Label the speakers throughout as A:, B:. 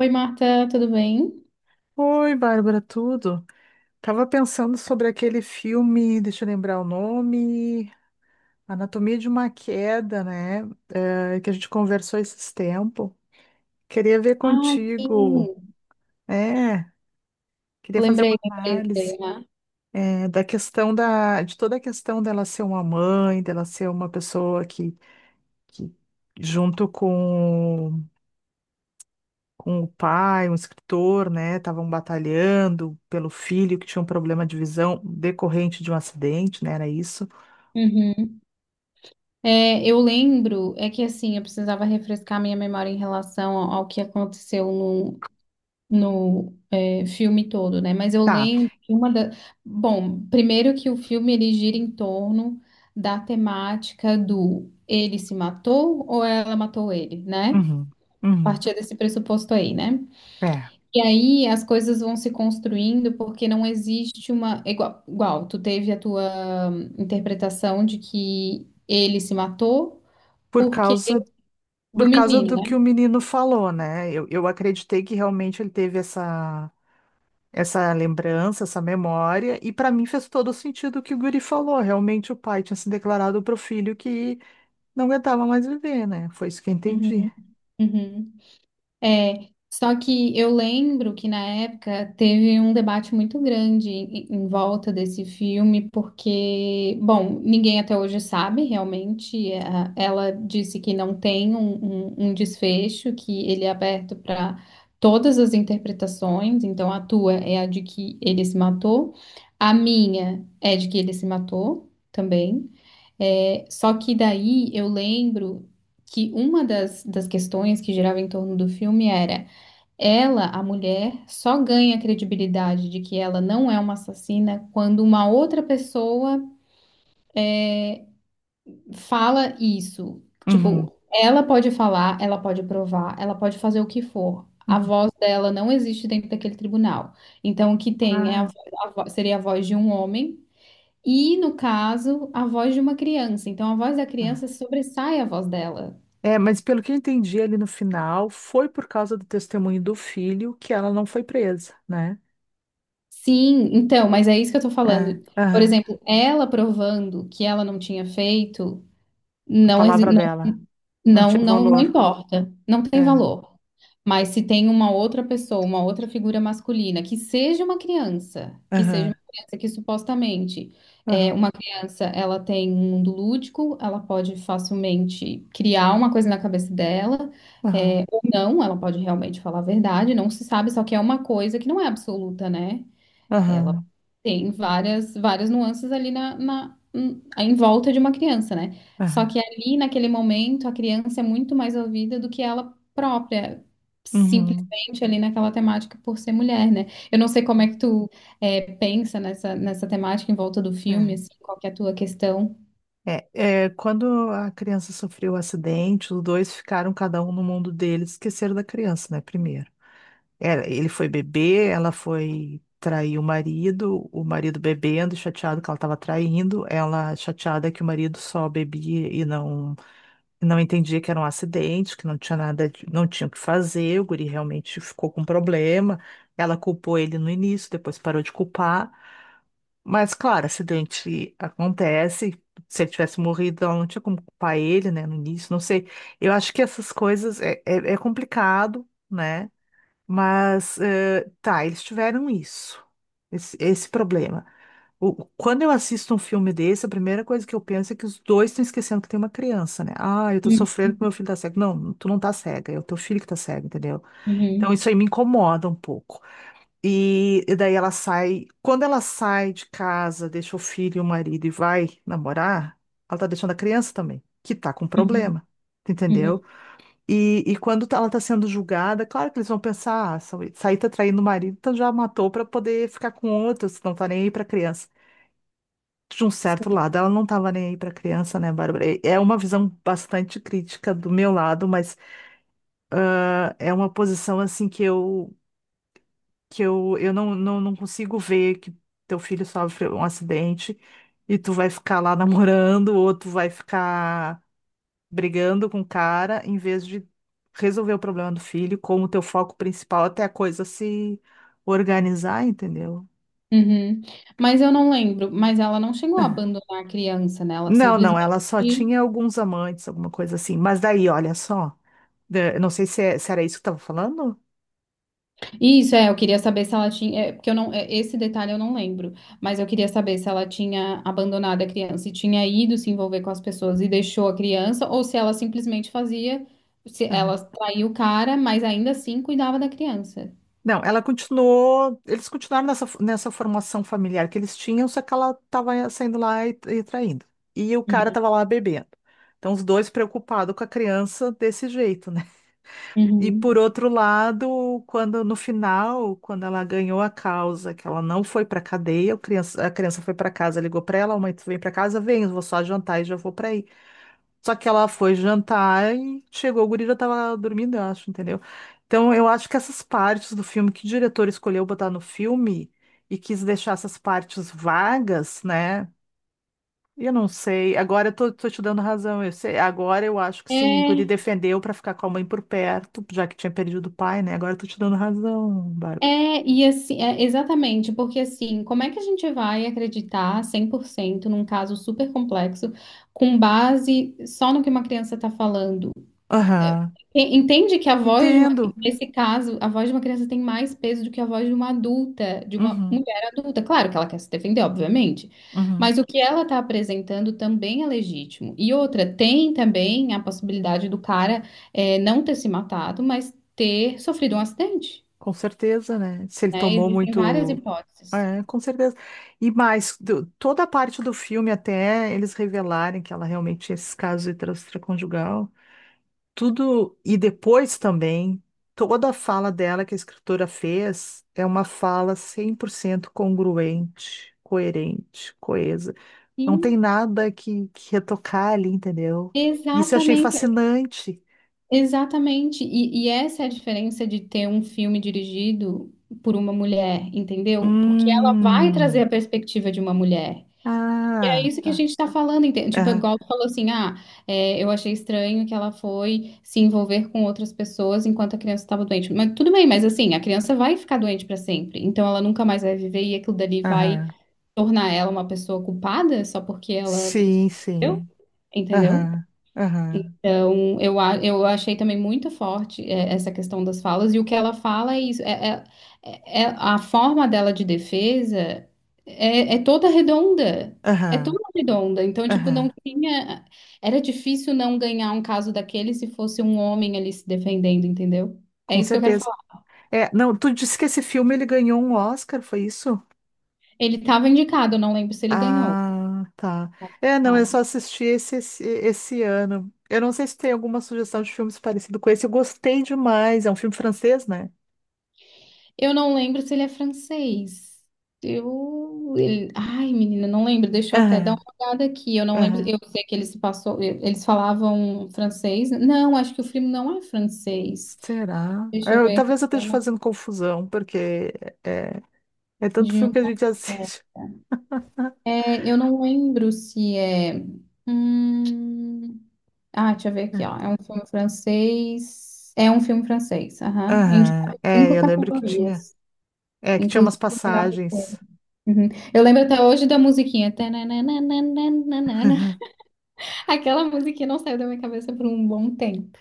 A: Oi, Marta, tudo bem?
B: Oi, Bárbara, tudo? Tava pensando sobre aquele filme, deixa eu lembrar o nome, Anatomia de uma Queda, né? Que a gente conversou esses tempos. Queria ver
A: Ai,
B: contigo,
A: sim.
B: é, queria fazer
A: Lembrei,
B: uma
A: lembrei, lembrei,
B: análise
A: né?
B: da questão de toda a questão dela ser uma mãe, dela ser uma pessoa que junto com o pai, um escritor, né? Estavam batalhando pelo filho que tinha um problema de visão decorrente de um acidente, né? Era isso.
A: Uhum. É, eu lembro, é que assim, eu precisava refrescar minha memória em relação ao que aconteceu no filme todo, né? Mas eu
B: Tá.
A: lembro que uma da. Bom, primeiro que o filme ele gira em torno da temática do ele se matou ou ela matou ele, né?
B: Uhum.
A: A
B: Uhum.
A: partir desse pressuposto aí, né?
B: É.
A: E aí as coisas vão se construindo porque não existe uma. Igual, tu teve a tua interpretação de que ele se matou
B: Por
A: porque
B: causa,
A: do
B: por causa
A: menino,
B: do
A: né?
B: que o menino falou, né? Eu acreditei que realmente ele teve Essa lembrança, essa memória, e para mim fez todo sentido o que o Guri falou. Realmente o pai tinha se declarado pro filho que não aguentava mais viver, né? Foi isso que eu entendi.
A: Uhum, uhum. É, só que eu lembro que na época teve um debate muito grande em volta desse filme, porque, bom, ninguém até hoje sabe realmente. Ela disse que não tem um desfecho, que ele é aberto para todas as interpretações, então a tua é a de que ele se matou, a minha é de que ele se matou também. É, só que daí eu lembro que uma das questões que girava em torno do filme era ela, a mulher, só ganha credibilidade de que ela não é uma assassina quando uma outra pessoa fala isso.
B: Uhum,
A: Tipo, ela pode falar, ela pode provar, ela pode fazer o que for. A
B: uhum.
A: voz dela não existe dentro daquele tribunal. Então, o que tem é
B: Ah,
A: seria a voz de um homem. E, no caso, a voz de uma criança. Então, a voz da
B: tá.
A: criança sobressai a voz dela.
B: É, mas pelo que eu entendi ali no final, foi por causa do testemunho do filho que ela não foi presa, né?
A: Sim, então, mas é isso que eu tô
B: É,
A: falando. Por
B: aham.
A: exemplo, ela provando que ela não tinha feito,
B: A
A: não,
B: palavra
A: não,
B: dela não
A: não,
B: tinha
A: não, não
B: valor.
A: importa, não tem
B: É,
A: valor. Mas se tem uma outra pessoa, uma outra figura masculina, que seja uma criança, que seja
B: aham,
A: uma criança que supostamente é
B: aham,
A: uma criança, ela tem um mundo lúdico, ela pode facilmente criar uma coisa na cabeça dela,
B: aham,
A: ou não, ela pode realmente falar a verdade, não se sabe, só que é uma coisa que não é absoluta, né? Ela
B: aham,
A: tem várias, várias nuances ali na em volta de uma criança, né? Só
B: aham,
A: que ali, naquele momento, a criança é muito mais ouvida do que ela própria,
B: uhum.
A: simplesmente ali naquela temática por ser mulher, né? Eu não sei como é que tu pensa nessa temática em volta do filme, assim, qual que é a tua questão?
B: Quando a criança sofreu o acidente, os dois ficaram cada um no mundo deles, esqueceram da criança, né? Primeiro. Ele foi beber, ela foi trair o marido bebendo, chateado que ela estava traindo, ela chateada que o marido só bebia e não entendia que era um acidente, que não tinha nada, não tinha o que fazer, o guri realmente ficou com problema. Ela culpou ele no início, depois parou de culpar. Mas, claro, acidente acontece. Se ele tivesse morrido, ela não tinha como culpar ele, né, no início, não sei. Eu acho que essas coisas é complicado, né? Mas, tá, eles tiveram isso, esse problema. Quando eu assisto um filme desse, a primeira coisa que eu penso é que os dois estão esquecendo que tem uma criança, né? Ah, eu tô
A: Uhum,
B: sofrendo porque meu filho tá cego. Não, tu não tá cega, é o teu filho que tá cego, entendeu? Então
A: uhum,
B: isso aí me incomoda um pouco. E daí ela sai, quando ela sai de casa, deixa o filho e o marido e vai namorar, ela tá deixando a criança também, que tá com
A: uhum,
B: problema, tu
A: uhum,
B: entendeu? E quando ela está sendo julgada, claro que eles vão pensar, ah, essa aí tá traindo o marido, então já matou para poder ficar com outro, se não tá nem aí para criança. De um certo
A: sim.
B: lado, ela não estava nem aí para criança, né, Bárbara? E é uma visão bastante crítica do meu lado, mas é uma posição assim que eu não, não, não consigo ver que teu filho sofre um acidente e tu vai ficar lá namorando, ou tu vai ficar brigando com o cara em vez de resolver o problema do filho como teu foco principal até a coisa se organizar, entendeu?
A: Uhum. Mas eu não lembro, mas ela não chegou a abandonar a criança, né? Ela
B: Não, não,
A: simplesmente.
B: ela só tinha alguns amantes, alguma coisa assim. Mas daí, olha só, eu não sei se era isso que estava falando.
A: Isso, eu queria saber se ela tinha, porque eu não, esse detalhe eu não lembro, mas eu queria saber se ela tinha abandonado a criança, se tinha ido se envolver com as pessoas e deixou a criança, ou se ela simplesmente fazia, se
B: Aham.
A: ela traiu o cara, mas ainda assim cuidava da criança.
B: Não, ela continuou, eles continuaram nessa formação familiar que eles tinham, só que ela estava saindo lá e traindo. E o cara
A: Uhum.
B: estava lá bebendo. Então, os dois preocupados com a criança desse jeito, né? E por
A: Uhum.
B: outro lado, quando no final, quando ela ganhou a causa, que ela não foi para cadeia, a criança foi para casa, ligou para ela, a mãe, tu vem para casa, vem, eu vou só jantar e já vou para aí. Só que ela foi jantar e chegou, o guri já tava dormindo, eu acho, entendeu? Então eu acho que essas partes do filme que o diretor escolheu botar no filme e quis deixar essas partes vagas, né? Eu não sei. Agora eu tô te dando razão. Eu sei. Agora eu acho que sim, o guri
A: É,
B: defendeu pra ficar com a mãe por perto, já que tinha perdido o pai, né? Agora eu tô te dando razão, Bárbara.
A: é, e assim, exatamente, porque assim, como é que a gente vai acreditar 100% num caso super complexo com base só no que uma criança está falando? é,
B: Aham.
A: entende que a voz de uma,
B: Entendo.
A: nesse caso, a voz de uma criança tem mais peso do que a voz de uma adulta, de uma
B: Uhum,
A: mulher adulta. Claro que ela quer se defender, obviamente,
B: uhum.
A: mas o que ela está apresentando também é legítimo. E outra, tem também a possibilidade do cara não ter se matado, mas ter sofrido um acidente,
B: Com certeza, né? Se ele
A: né?
B: tomou
A: Existem várias
B: muito.
A: hipóteses.
B: É, com certeza. E mais, toda a parte do filme, até eles revelarem que ela realmente tinha esses casos de extraconjugal. Tudo. E depois também, toda a fala dela que a escritora fez é uma fala 100% congruente, coerente, coesa. Não tem
A: Sim,
B: nada que retocar ali, entendeu? Isso eu achei
A: exatamente.
B: fascinante.
A: Exatamente. E, essa é a diferença de ter um filme dirigido por uma mulher, entendeu? Porque ela vai trazer
B: Hum.
A: a perspectiva de uma mulher. E é
B: Ah,
A: isso que a
B: tá.
A: gente está falando, entende? Tipo,
B: Aham,
A: igual tu falou assim, ah, eu achei estranho que ela foi se envolver com outras pessoas enquanto a criança estava doente. Mas tudo bem, mas assim, a criança vai ficar doente para sempre. Então ela nunca mais vai viver e aquilo dali vai
B: aham.
A: tornar ela uma pessoa culpada só porque ela,
B: Sim,
A: entendeu?
B: sim.
A: Entendeu?
B: Aham, aham,
A: Então, eu achei também muito forte essa questão das falas, e o que ela fala é isso, a forma dela de defesa é toda redonda, é toda
B: aham,
A: redonda, então, tipo, não
B: aham.
A: tinha, era difícil não ganhar um caso daquele se fosse um homem ali se defendendo, entendeu? É
B: Com
A: isso que eu quero
B: certeza.
A: falar.
B: É, não, tu disse que esse filme ele ganhou um Oscar, foi isso?
A: Ele estava indicado, eu não lembro se ele ganhou.
B: Ah, tá. É, não,
A: Tá?
B: eu só assisti esse ano. Eu não sei se tem alguma sugestão de filmes parecido com esse. Eu gostei demais. É um filme francês, né?
A: Eu não lembro se ele é francês. Eu. Ai, menina, não lembro. Deixa eu até dar uma
B: Aham,
A: olhada aqui. Eu não lembro.
B: aham.
A: Eu sei que eles passou. Eles falavam francês. Não, acho que o filme não é francês.
B: Será?
A: Deixa eu
B: Eu-
A: ver aqui.
B: talvez eu esteja
A: É
B: fazendo confusão, porque é, é tanto
A: De
B: filme que a
A: um.
B: gente assiste.
A: Eu não lembro se é. Hum. Ah, deixa eu ver
B: É.
A: aqui, ó. É um filme francês. É um filme francês. Aham.
B: Aham.
A: Indicado em
B: É,
A: cinco
B: eu lembro que tinha.
A: categorias,
B: É, que tinha
A: inclusive
B: umas
A: o melhor.
B: passagens.
A: Uhum. Eu lembro até hoje da musiquinha. Tananana. Aquela musiquinha não saiu da minha cabeça por um bom tempo.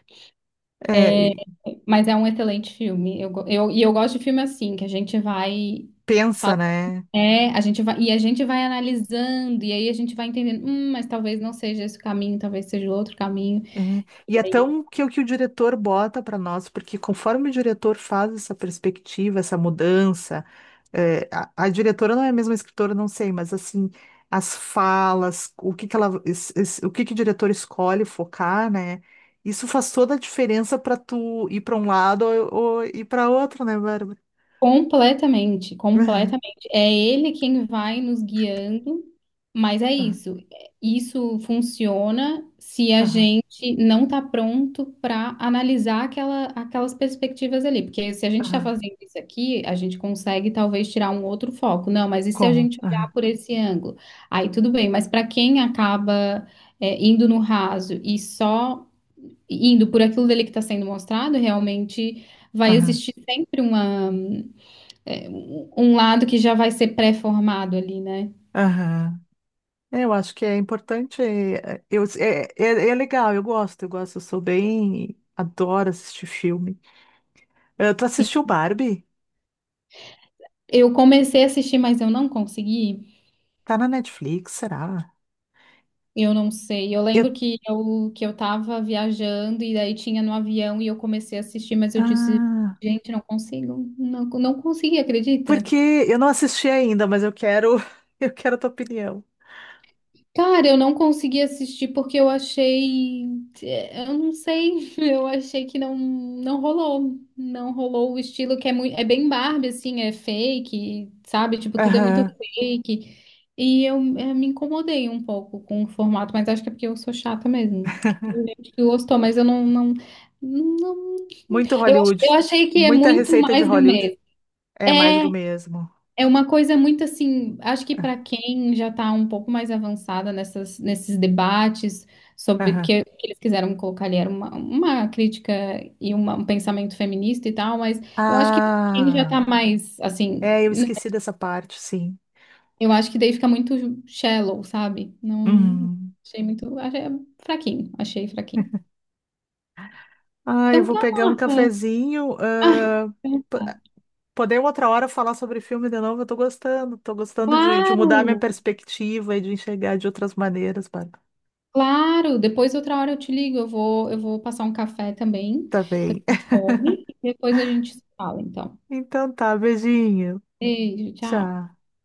B: É, e
A: Mas é um excelente filme. Eu, go- eu, e eu gosto de filme assim, que a gente vai.
B: pensa,
A: fala-
B: né?
A: É, a gente vai, e a gente vai analisando, e aí a gente vai entendendo, mas talvez não seja esse o caminho, talvez seja outro caminho.
B: É, e é tão que o diretor bota para nós, porque conforme o diretor faz essa perspectiva, essa mudança, a diretora não é a mesma escritora, não sei, mas assim, as falas, o que que ela, o que que o diretor escolhe focar, né? Isso faz toda a diferença para tu ir para um lado ou ir para outro, né, Bárbara?
A: Completamente,
B: Aham,
A: completamente. É ele quem vai nos guiando, mas é
B: aham,
A: isso. Isso funciona se a
B: aham,
A: gente não está pronto para analisar aquelas perspectivas ali. Porque se a gente está
B: aham,
A: fazendo isso aqui, a gente consegue talvez tirar um outro foco. Não, mas e se a gente olhar
B: aham,
A: por esse ângulo? Aí tudo bem, mas para quem acaba, indo no raso e só indo por aquilo dele que está sendo mostrado, realmente vai
B: aham,
A: existir sempre um lado que já vai ser pré-formado ali, né?
B: aham. É, eu acho que é importante. É legal, eu gosto, eu sou bem. Adoro assistir filme. Tu
A: Sim.
B: assistiu Barbie?
A: Eu comecei a assistir, mas eu não consegui.
B: Tá na Netflix, será?
A: Eu não sei. Eu
B: Eu,
A: lembro que que eu tava viajando e daí tinha no avião e eu comecei a assistir, mas eu disse,
B: ah,
A: gente, não consigo. Não, não consegui, acredita?
B: porque eu não assisti ainda, mas eu quero, eu quero a tua opinião.
A: Cara, eu não consegui assistir porque eu achei, eu não sei, eu achei que não rolou, não rolou o estilo que é muito, é bem Barbie assim, é fake, sabe? Tipo, tudo é muito
B: Aham.
A: fake. E eu me incomodei um pouco com o formato, mas acho que é porque eu sou chata mesmo. Que Tem gente que gostou, mas eu não, não, não.
B: Muito
A: Eu, ach-
B: Hollywood.
A: eu achei que é
B: Muita
A: muito
B: receita de
A: mais do
B: Hollywood.
A: mesmo.
B: É mais
A: É,
B: do mesmo.
A: é, uma coisa muito assim, acho que para
B: Ah,
A: quem já está um pouco mais avançada nesses debates sobre
B: aham.
A: porque o que eles quiseram colocar ali era uma crítica e um pensamento feminista e tal, mas eu acho que para quem já está
B: Ah,
A: mais assim,
B: eu esqueci dessa parte, sim.
A: eu acho que daí fica muito shallow, sabe? Não
B: Uhum.
A: achei muito, achei fraquinho, achei fraquinho.
B: Ah, eu
A: Então,
B: vou
A: tá,
B: pegar um
A: Marta.
B: cafezinho.
A: Ah, tá.
B: Poder outra hora falar sobre filme de novo, eu tô gostando. Tô gostando de mudar minha
A: Claro.
B: perspectiva e de enxergar de outras maneiras, Bárbara.
A: Claro, depois outra hora eu te ligo, eu vou passar um café também,
B: Tá
A: que eu
B: bem.
A: tenho fome, e depois a gente se fala, então.
B: Então tá, beijinho.
A: Beijo, tchau.
B: Tchau.